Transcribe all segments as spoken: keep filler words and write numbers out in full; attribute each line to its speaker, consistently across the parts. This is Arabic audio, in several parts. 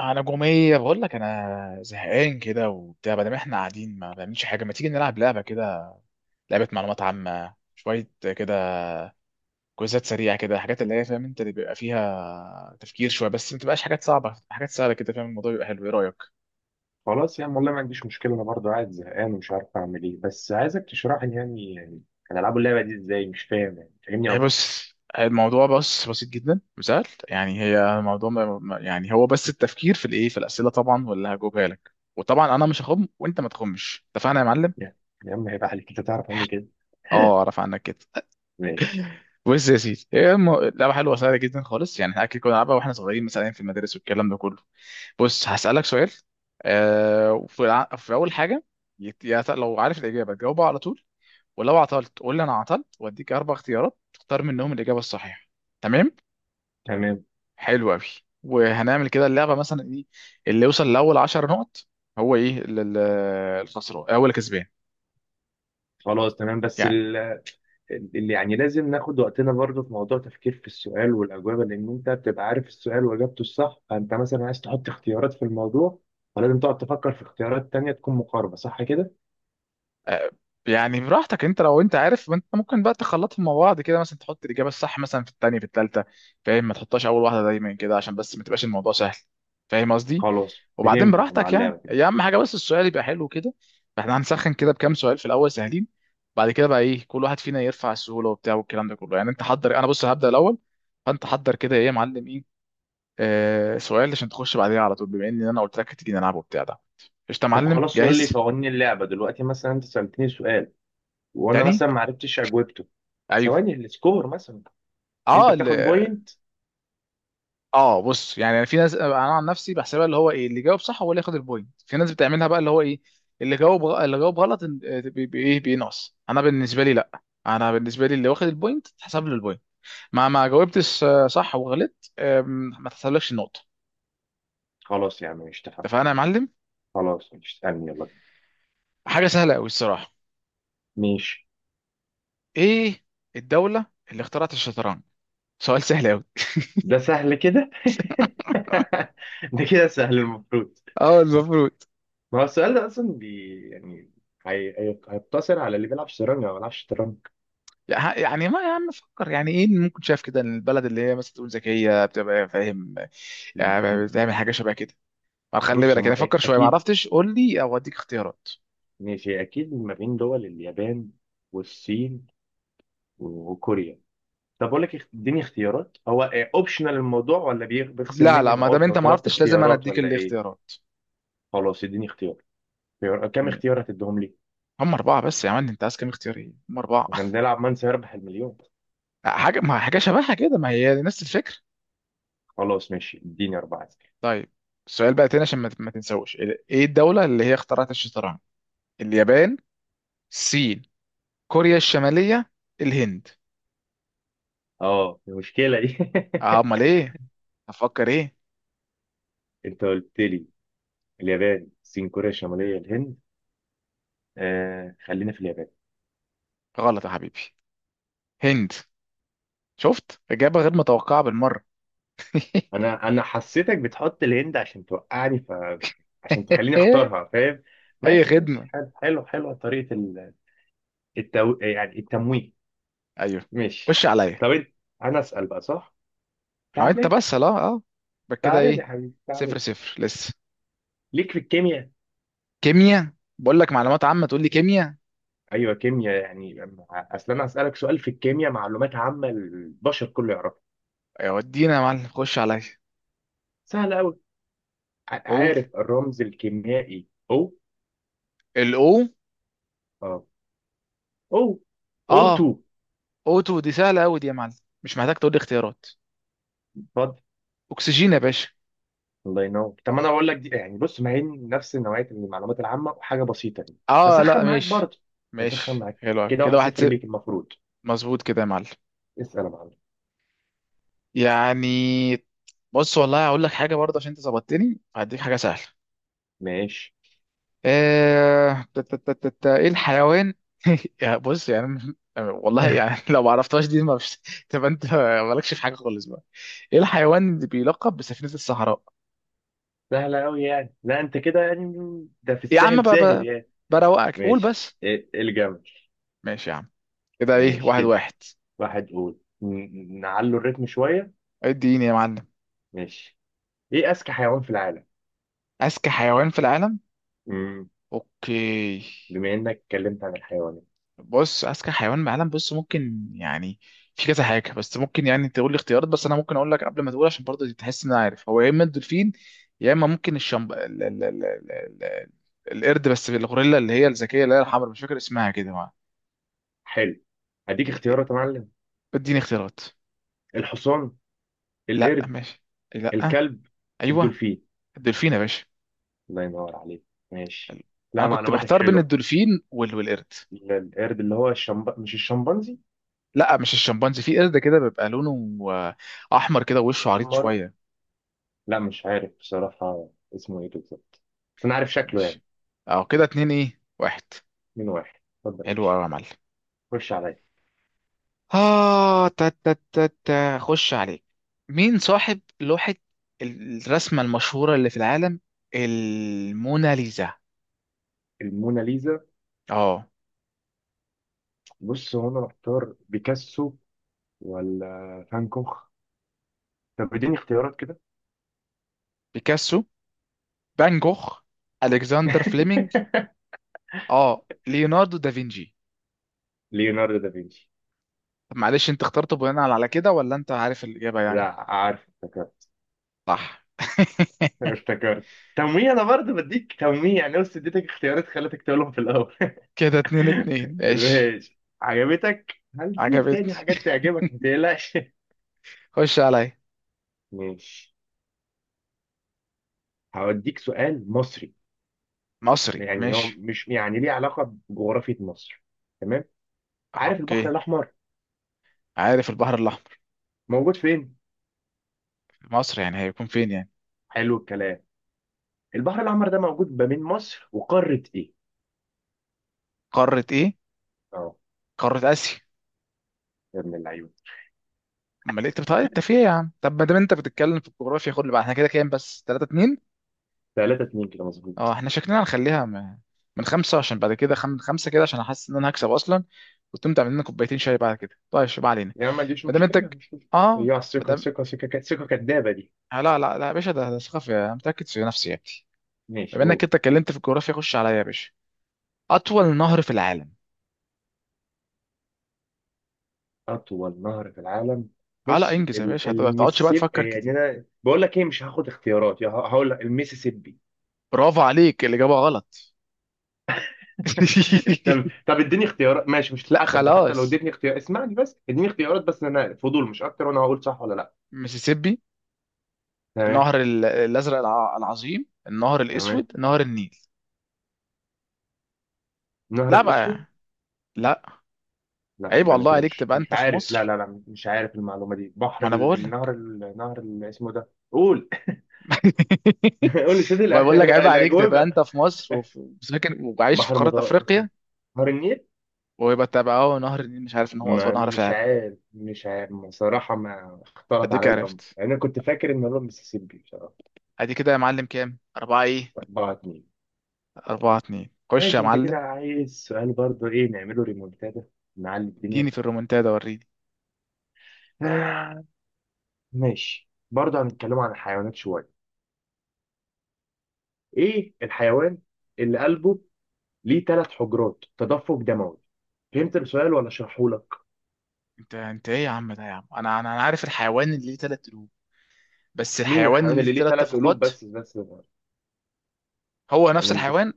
Speaker 1: انا جوميه بقول لك انا زهقان كده وبتاع، بدل ما احنا قاعدين ما بنعملش حاجه، ما تيجي نلعب لعبه كده؟ لعبه معلومات عامه شويه كده. كويزات سريعه كده، حاجات اللي هي فاهم انت، اللي بيبقى فيها تفكير شويه بس ما تبقاش حاجات صعبه، حاجات سهله كده، فاهم؟ الموضوع بيبقى حلو. ايه رايك؟
Speaker 2: خلاص، يعني والله ما عنديش مشكلة. أنا برضه قاعد زهقان ومش عارف أعمل إيه، بس عايزك تشرح لي يعني يعني هنلعبوا اللعبة دي إزاي؟ مش فاهم، يعني فاهمني
Speaker 1: إيه،
Speaker 2: أكتر.
Speaker 1: بص. الموضوع بس بسيط جدا وسهل، يعني هي الموضوع ما- ما- يعني هو بس التفكير في الايه، في الاسئله طبعا، واللي هجاوبها لك. وطبعا انا مش هخم وانت ما تخمش، اتفقنا يا معلم؟
Speaker 2: يعني يا عم هيبقى عليك أنت تعرف عني كده.
Speaker 1: اه، اعرف عنك كده.
Speaker 2: ماشي.
Speaker 1: بص يا سيدي، هي م- لعبه حلوه سهله جدا خالص. يعني احنا اكيد كنا بنلعبها واحنا صغيرين، مثلا في المدارس والكلام ده كله. بص هسالك سؤال. آه وفي الع- في اول حاجه، يت- يا ت- لو عارف الاجابه تجاوبها على طول، ولو عطلت قول لي انا عطلت واديك اربع اختيارات تختار منهم الاجابه الصحيحه. تمام؟
Speaker 2: تمام.
Speaker 1: حلو قوي. وهنعمل كده اللعبه مثلا ايه؟ اللي يوصل لاول 10 نقط هو ايه؟ ال- ال- الخسران اول كسبان.
Speaker 2: خلاص، تمام. بس
Speaker 1: يعني
Speaker 2: ال- اللي يعني لازم ناخد وقتنا برضه في موضوع تفكير في السؤال والأجوبة، لأن أنت بتبقى عارف السؤال وإجابته الصح، فأنت مثلا عايز تحط اختيارات في الموضوع، فلازم تقعد تفكر في اختيارات تانية تكون مقاربة، صح كده؟
Speaker 1: آه، يعني براحتك انت. لو انت عارف، ما انت ممكن بقى تخلطهم مع بعض كده، مثلا تحط الاجابه الصح مثلا في الثانيه في الثالثه، فاهم؟ ما تحطهاش اول واحده دايما كده عشان بس ما تبقاش الموضوع سهل. فاهم قصدي؟
Speaker 2: خلاص،
Speaker 1: وبعدين
Speaker 2: فهمتك أنا
Speaker 1: براحتك،
Speaker 2: على
Speaker 1: يعني
Speaker 2: اللعبة كده.
Speaker 1: هي اهم حاجه بس السؤال يبقى حلو كده. فاحنا هنسخن كده بكام سؤال في الاول سهلين. بعد كده بقى ايه، كل واحد فينا يرفع السهوله وبتاع، والكلام ده كله. يعني انت حضر، انا بص هبدا الاول. فانت حضر كده. ايه يا معلم، ايه؟ آه سؤال عشان تخش بعديها على طول، بما ان انا قلت لك هتيجي نلعب وبتاع ده. قشطه يا
Speaker 2: طب
Speaker 1: معلم،
Speaker 2: خلاص، قول لي
Speaker 1: جاهز؟
Speaker 2: قوانين اللعبة دلوقتي. مثلا أنت سألتني سؤال، وانا
Speaker 1: تاني؟
Speaker 2: مثلا ما عرفتش اجوبته.
Speaker 1: ايوه.
Speaker 2: ثواني، السكور مثلا، انت
Speaker 1: اه،
Speaker 2: بتاخد
Speaker 1: اللي...
Speaker 2: بوينت؟
Speaker 1: اه بص، يعني أنا في ناس انا عن نفسي بحسبها اللي هو ايه، اللي جاوب صح هو اللي ياخد البوينت. في ناس بتعملها بقى اللي هو ايه، اللي جاوب غ- اللي جاوب غلط، إن- آه، بي- بي- ايه بينقص. انا بالنسبه لي لا، انا بالنسبه لي اللي واخد البوينت تحسب له البوينت. ما ما جاوبتش آه، صح وغلطت، آم، ما تحسبلكش النقطه.
Speaker 2: خلاص يا عم، مش تفهم.
Speaker 1: اتفقنا يا معلم؟
Speaker 2: خلاص، مش تسالني، يلا.
Speaker 1: حاجه سهله قوي الصراحه.
Speaker 2: ماشي.
Speaker 1: ايه الدوله اللي اخترعت الشطرنج؟ سؤال سهل قوي.
Speaker 2: ده سهل كده؟ ده كده سهل المفروض.
Speaker 1: اه، المفروض.
Speaker 2: ما هو السؤال ده اصلا بي يعني، هي- هي- هيقتصر على اللي بيلعب شطرنج او ما بيلعبش شطرنج.
Speaker 1: يعني ما يا عم فكر، يعني ايه اللي ممكن شايف كده إن البلد اللي هي مثلا تقول ذكيه بتبقى، فاهم؟ يعني بتعمل حاجه شبه كده. ما خلي
Speaker 2: بص،
Speaker 1: بالك،
Speaker 2: هم
Speaker 1: انا
Speaker 2: أ-
Speaker 1: فكر شويه، ما
Speaker 2: اكيد.
Speaker 1: عرفتش قول لي او اديك اختيارات.
Speaker 2: ماشي، اكيد ما بين دول اليابان والصين وكوريا. طب اقول لك، اخت- اديني اختيارات. هو اوبشنال الموضوع، ولا بيخ- بيخصم
Speaker 1: لا
Speaker 2: مني
Speaker 1: لا، ما دام
Speaker 2: نقاط لو
Speaker 1: انت ما
Speaker 2: طلبت
Speaker 1: عرفتش لازم انا
Speaker 2: اختيارات،
Speaker 1: اديك
Speaker 2: ولا ايه؟
Speaker 1: الاختيارات.
Speaker 2: خلاص، اديني اختيار. اختيار- كام
Speaker 1: م-
Speaker 2: اختيار هتديهم لي؟
Speaker 1: هم اربعه بس يا عم، انت عايز كام اختيار؟ ايه، هم اربعه.
Speaker 2: احنا بنلعب من سيربح المليون؟
Speaker 1: حاجه ما حاجه شبهها كده، ما هي نفس الفكره.
Speaker 2: خلاص ماشي، اديني أربعة أسئلة.
Speaker 1: طيب، السؤال بقى تاني عشان ما ما تنساوش. ايه الدوله اللي هي اخترعت الشطرنج؟ اليابان، الصين، كوريا الشماليه، الهند.
Speaker 2: اه، المشكلة دي.
Speaker 1: آه، امال ايه؟ هفكر ايه؟
Speaker 2: انت قلت لي اليابان، الصين، كوريا الشمالية، الهند. آه، خلينا في اليابان.
Speaker 1: غلط يا حبيبي. هند. شفت، إجابة غير متوقعة بالمرة.
Speaker 2: انا انا حسيتك بتحط الهند عشان توقعني، ف عشان تخليني اختارها فاهم.
Speaker 1: أي
Speaker 2: ماشي ماشي،
Speaker 1: خدمة.
Speaker 2: حلو حلو حلو، طريقة ال- التو... يعني التمويه.
Speaker 1: أيوه.
Speaker 2: ماشي.
Speaker 1: خش عليا.
Speaker 2: طب انت انا اسأل بقى صح؟
Speaker 1: أه، أنت
Speaker 2: تعالى لي،
Speaker 1: بس لا أه. يبقى كده
Speaker 2: تعالى لي
Speaker 1: إيه.
Speaker 2: يا حبيبي، تعالى
Speaker 1: صفر
Speaker 2: لي.
Speaker 1: صفر لسه.
Speaker 2: ليك في الكيمياء.
Speaker 1: كيمياء؟ بقول لك معلومات عامة تقول لي كيمياء.
Speaker 2: ايوه كيمياء يعني، مع- اصل انا اسالك سؤال في الكيمياء، معلومات عامه البشر كله يعرفها.
Speaker 1: يا ودينا يا معلم، خش عليا.
Speaker 2: سهل قوي.
Speaker 1: قول.
Speaker 2: عارف الرمز الكيميائي؟ او
Speaker 1: الأو...
Speaker 2: اه او او
Speaker 1: أه،
Speaker 2: اتنين.
Speaker 1: أوتو دي سهلة أوي دي يا معلم. مش محتاج تقول لي اختيارات.
Speaker 2: اتفضل.
Speaker 1: أكسجين يا باشا.
Speaker 2: الله ينور. طب ما انا اقول لك دي يعني، بص ما هي نفس نوعيه المعلومات العامه وحاجه بسيطه يعني.
Speaker 1: أه،
Speaker 2: بسخن
Speaker 1: لا
Speaker 2: معاك
Speaker 1: ماشي.
Speaker 2: برضه، بسخن
Speaker 1: ماشي
Speaker 2: معاك.
Speaker 1: حلو أوي.
Speaker 2: كده
Speaker 1: كده
Speaker 2: واحد
Speaker 1: واحد
Speaker 2: صفر
Speaker 1: صفر
Speaker 2: ليك المفروض.
Speaker 1: مظبوط كده يا معلم.
Speaker 2: اسال يا معلم.
Speaker 1: يعني بص والله هقول لك حاجه برضه، عشان انت ظبطتني هديك حاجه سهله.
Speaker 2: ماشي.
Speaker 1: آه، تا- تا- تا- تا- تا، ايه الحيوان... يا بص، يعني والله يعني، لو ما عرفتهاش دي ما فيش، تبقى انت مالكش في حاجه خالص بقى. ايه الحيوان اللي بيلقب بسفينه الصحراء؟
Speaker 2: سهله قوي يعني، لا انت كده يعني. ده في
Speaker 1: يا عم
Speaker 2: السهل
Speaker 1: بقى
Speaker 2: سهل
Speaker 1: بقى،
Speaker 2: يعني.
Speaker 1: بروقك قول
Speaker 2: ماشي
Speaker 1: بس.
Speaker 2: إيه- الجمل.
Speaker 1: ماشي يا عم. كده ايه،
Speaker 2: ماشي
Speaker 1: واحد
Speaker 2: كده
Speaker 1: واحد
Speaker 2: واحد. قول، ن- نعلو الريتم شوية.
Speaker 1: اديني يا معلم.
Speaker 2: ماشي. ايه اذكى حيوان في العالم؟
Speaker 1: اذكى حيوان في العالم.
Speaker 2: مم.
Speaker 1: اوكي.
Speaker 2: بما انك اتكلمت عن الحيوانات.
Speaker 1: بص، اذكى حيوان معلم، بص ممكن يعني في كذا حاجه. بس ممكن يعني تقول لي اختيارات، بس انا ممكن اقول لك قبل ما تقول عشان برضه تحس ان انا عارف. هو يا اما الدولفين، يا اما ممكن الشمب ال... ال... ال... ال... ال... القرد. بس الغوريلا اللي هي الذكيه، اللي هي الحمراء، مش فاكر اسمها كده، ما...
Speaker 2: حلو، هديك اختيارات يا معلم.
Speaker 1: اديني اختيارات.
Speaker 2: الحصان،
Speaker 1: لا
Speaker 2: القرد،
Speaker 1: ماشي. لا.
Speaker 2: الكلب،
Speaker 1: ايوه.
Speaker 2: الدولفين.
Speaker 1: الدولفين يا باشا.
Speaker 2: الله ينور عليك. ماشي.
Speaker 1: ال- انا
Speaker 2: لا،
Speaker 1: كنت
Speaker 2: معلوماتك
Speaker 1: محتار بين
Speaker 2: حلوة.
Speaker 1: الدولفين وال... والقرد.
Speaker 2: ال- القرد اللي هو الشمب... مش الشمبانزي.
Speaker 1: لا مش الشمبانزي. في قرد كده بيبقى لونه آه، احمر كده، ووشه عريض
Speaker 2: احمر.
Speaker 1: شويه.
Speaker 2: لا، مش عارف بصراحة اسمه ايه بالظبط، بس انا عارف شكله يعني.
Speaker 1: ماشي. اه كده اتنين، ايه، واحد.
Speaker 2: من واحد. اتفضل يا
Speaker 1: حلو
Speaker 2: باشا.
Speaker 1: قوي يا معلم.
Speaker 2: خش عليا.
Speaker 1: اه، تا تا تا تا خش عليك. مين صاحب لوحة الرسمة المشهورة اللي في العالم، الموناليزا؟
Speaker 2: الموناليزا.
Speaker 1: اه،
Speaker 2: بص، هو انا محتار بيكاسو، ولا فان كوخ؟ طب اديني اختيارات كده.
Speaker 1: بيكاسو، فان جوخ، الكسندر فليمنج، اه، ليوناردو دافنشي.
Speaker 2: ليوناردو دافنشي.
Speaker 1: طب معلش، انت اخترته بناء على كده ولا انت عارف الإجابة يعني؟
Speaker 2: لا، عارف افتكرت.
Speaker 1: صح.
Speaker 2: افتكرت. تمويه، انا برضه بديك تمويه يعني، بس اديتك اختيارات خلتك تقولهم في الاول.
Speaker 1: كده اتنين اتنين، ماشي.
Speaker 2: ماشي. عجبتك؟ هل ديك تاني
Speaker 1: عجبتني.
Speaker 2: حاجات تعجبك، ما تقلقش.
Speaker 1: خش عليا.
Speaker 2: ماشي. هوديك سؤال مصري.
Speaker 1: مصري،
Speaker 2: يعني هو
Speaker 1: ماشي.
Speaker 2: مش يعني ليه علاقة بجغرافية مصر. تمام. عارف البحر
Speaker 1: اوكي.
Speaker 2: الأحمر
Speaker 1: عارف البحر الأحمر.
Speaker 2: موجود فين؟
Speaker 1: مصر يعني، هيكون فين يعني.
Speaker 2: حلو الكلام. البحر الأحمر ده موجود ما بين مصر وقارة إيه؟
Speaker 1: قارة ايه؟
Speaker 2: اه،
Speaker 1: قارة آسيا.
Speaker 2: يا ابن اللعيبة.
Speaker 1: امال إيه؟ طب طيب، انت فيها يا عم. طب ما دام انت بتتكلم في الجغرافيا، خد اللي بقى. احنا كده كام؟ بس تلاتة اتنين.
Speaker 2: تلاتة اتنين كده
Speaker 1: اه
Speaker 2: مظبوط.
Speaker 1: احنا شكلنا هنخليها م- من خمسة، عشان بعد كده خم... خمسة كده عشان احس ان انا هكسب اصلا، وتقوم تعمل لنا كوبايتين شاي بعد كده. طيب شو بقى علينا.
Speaker 2: يا عم ما عنديش
Speaker 1: ما دام انت
Speaker 2: مشكلة،
Speaker 1: ك-
Speaker 2: مش مشكلة
Speaker 1: اه،
Speaker 2: هي
Speaker 1: ما
Speaker 2: الثقة.
Speaker 1: دام،
Speaker 2: ثقة، ثقة، ك- ثقة كدابة دي.
Speaker 1: آه، لا لا لا يا باشا، ده ده ثقافة، انا متأكد في نفسي يا ابني.
Speaker 2: ماشي،
Speaker 1: بما انك
Speaker 2: قول.
Speaker 1: انت اتكلمت في الجغرافيا خش عليا يا باشا. اطول نهر في العالم.
Speaker 2: أطول نهر في العالم؟
Speaker 1: اه لا،
Speaker 2: بص،
Speaker 1: انجز يا
Speaker 2: ال-
Speaker 1: باشا، هت- ما تقعدش بقى
Speaker 2: المسيسيبي.
Speaker 1: تفكر
Speaker 2: يعني
Speaker 1: كتير.
Speaker 2: أنا بقول لك إيه، مش هاخد اختيارات، يا ه- هقول لك المسيسيبي.
Speaker 1: برافو عليك، الإجابة غلط.
Speaker 2: طب طب اديني اختيارات. ماشي، مش
Speaker 1: لا
Speaker 2: هتحسب دي حتى لو
Speaker 1: خلاص.
Speaker 2: اديتني اختيار. اسمعني بس، اديني اختيارات بس، أنا فضول مش أكتر، وأنا هقول صح ولا لأ.
Speaker 1: ميسيسيبي،
Speaker 2: تمام.
Speaker 1: النهر ال- الازرق الع- العظيم، النهر
Speaker 2: تمام.
Speaker 1: الاسود، نهر النيل.
Speaker 2: النهر
Speaker 1: لا
Speaker 2: الأسود.
Speaker 1: بقى. لا.
Speaker 2: لا،
Speaker 1: عيب
Speaker 2: يبقى أنا
Speaker 1: والله
Speaker 2: كده
Speaker 1: عليك
Speaker 2: مش
Speaker 1: تبقى
Speaker 2: مش
Speaker 1: انت في
Speaker 2: عارف. لا
Speaker 1: مصر.
Speaker 2: لا لا، مش عارف المعلومة دي. بحر
Speaker 1: ما انا
Speaker 2: ال-
Speaker 1: بقول
Speaker 2: النهر
Speaker 1: لك.
Speaker 2: ال- النهر اللي اسمه ده، قول. قول لي سيدي
Speaker 1: ما
Speaker 2: الأ-
Speaker 1: بقول لك عيب عليك تبقى انت
Speaker 2: الأجوبة.
Speaker 1: في مصر، وفي ساكن وعايش في
Speaker 2: بحر
Speaker 1: قاره
Speaker 2: متوسط،
Speaker 1: افريقيا.
Speaker 2: نهر النيل.
Speaker 1: ويبقى تبقى اهو نهر النيل مش عارف ان هو اطول
Speaker 2: ما
Speaker 1: نهر في
Speaker 2: مش
Speaker 1: العالم.
Speaker 2: عارف، مش عارف بصراحة، ما اختلط
Speaker 1: اديك
Speaker 2: على الأمر
Speaker 1: عرفت.
Speaker 2: يعني. أنا كنت فاكر إن هو المسيسيبي بصراحة.
Speaker 1: ادي كده يا معلم، كام؟ أربعة ايه.
Speaker 2: اربعة اتنين.
Speaker 1: أربعة اتنين، خش يا
Speaker 2: ماشي. أنت كده
Speaker 1: معلم.
Speaker 2: عايز سؤال برضه، إيه نعمله ريمونتادا، نعلي
Speaker 1: اديني
Speaker 2: الدنيا.
Speaker 1: في الرومنتادا وريني.
Speaker 2: آه، ماشي. برضه هنتكلم عن الحيوانات شوية. إيه الحيوان اللي قلبه ليه ثلاث حجرات تدفق دموي؟ فهمت السؤال ولا أشرحهولك؟
Speaker 1: انت انت ايه يا عم ده يا عم، انا انا أنا عارف الحيوان اللي ليه تلات قلوب. بس
Speaker 2: مين
Speaker 1: الحيوان
Speaker 2: الحيوان
Speaker 1: اللي ليه
Speaker 2: اللي ليه
Speaker 1: تلات
Speaker 2: ثلاث قلوب
Speaker 1: تفقات؟
Speaker 2: بس بس؟
Speaker 1: هو نفس
Speaker 2: أنا مش بس.
Speaker 1: الحيوان.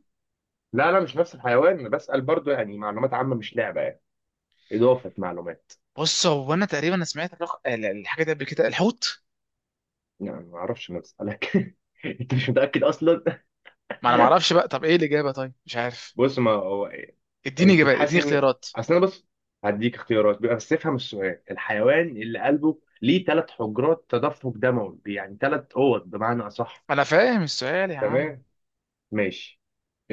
Speaker 2: لا لا، مش نفس الحيوان، أنا بسأل برضو. يعني معلومات عامة، مش لعبة يعني، إضافة معلومات.
Speaker 1: بص هو انا تقريبا سمعت الرق... ال- الحاجه دي قبل كده، الحوت.
Speaker 2: يعني ما أعرفش، أنا بسألك. أنت مش متأكد أصلا.
Speaker 1: ما انا ما اعرفش بقى. طب ايه الاجابه؟ طيب مش عارف.
Speaker 2: بص، ما هو.
Speaker 1: اديني
Speaker 2: أنت مش
Speaker 1: اجابات،
Speaker 2: حاسس
Speaker 1: اديني
Speaker 2: إن،
Speaker 1: اختيارات.
Speaker 2: أصل أنا بص، هديك اختيارات بيبقى، بس افهم السؤال. الحيوان اللي قلبه ليه ثلاث حجرات تدفق دموي، يعني ثلاث أوض بمعنى أصح.
Speaker 1: انا فاهم السؤال يا عم.
Speaker 2: تمام. ماشي.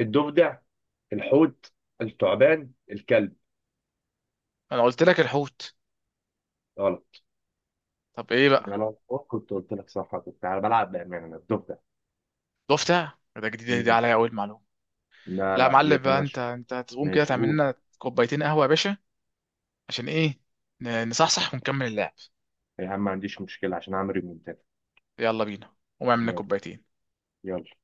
Speaker 2: الضفدع، الحوت، الثعبان، الكلب.
Speaker 1: انا قلت لك الحوت.
Speaker 2: غلط.
Speaker 1: طب ايه بقى؟
Speaker 2: أنا لو كنت قلت لك صح، كنت بلعب بأمانة. أنا الضفدع.
Speaker 1: ضفدع؟ ده جديد، دي
Speaker 2: مم.
Speaker 1: عليا اول معلومه.
Speaker 2: لا
Speaker 1: لا يا
Speaker 2: لا،
Speaker 1: معلم
Speaker 2: دي
Speaker 1: بقى، انت
Speaker 2: ماشي.
Speaker 1: انت هتقوم كده
Speaker 2: ماشي،
Speaker 1: تعمل
Speaker 2: قول.
Speaker 1: لنا كوبايتين قهوه يا باشا. عشان ايه؟ ن- نصحصح ونكمل اللعب.
Speaker 2: يا عم ما عنديش مشكلة عشان أعمل ريمونتادا.
Speaker 1: يلا بينا، قوم اعمل لنا
Speaker 2: يلا،
Speaker 1: كوبايتين.
Speaker 2: يلا.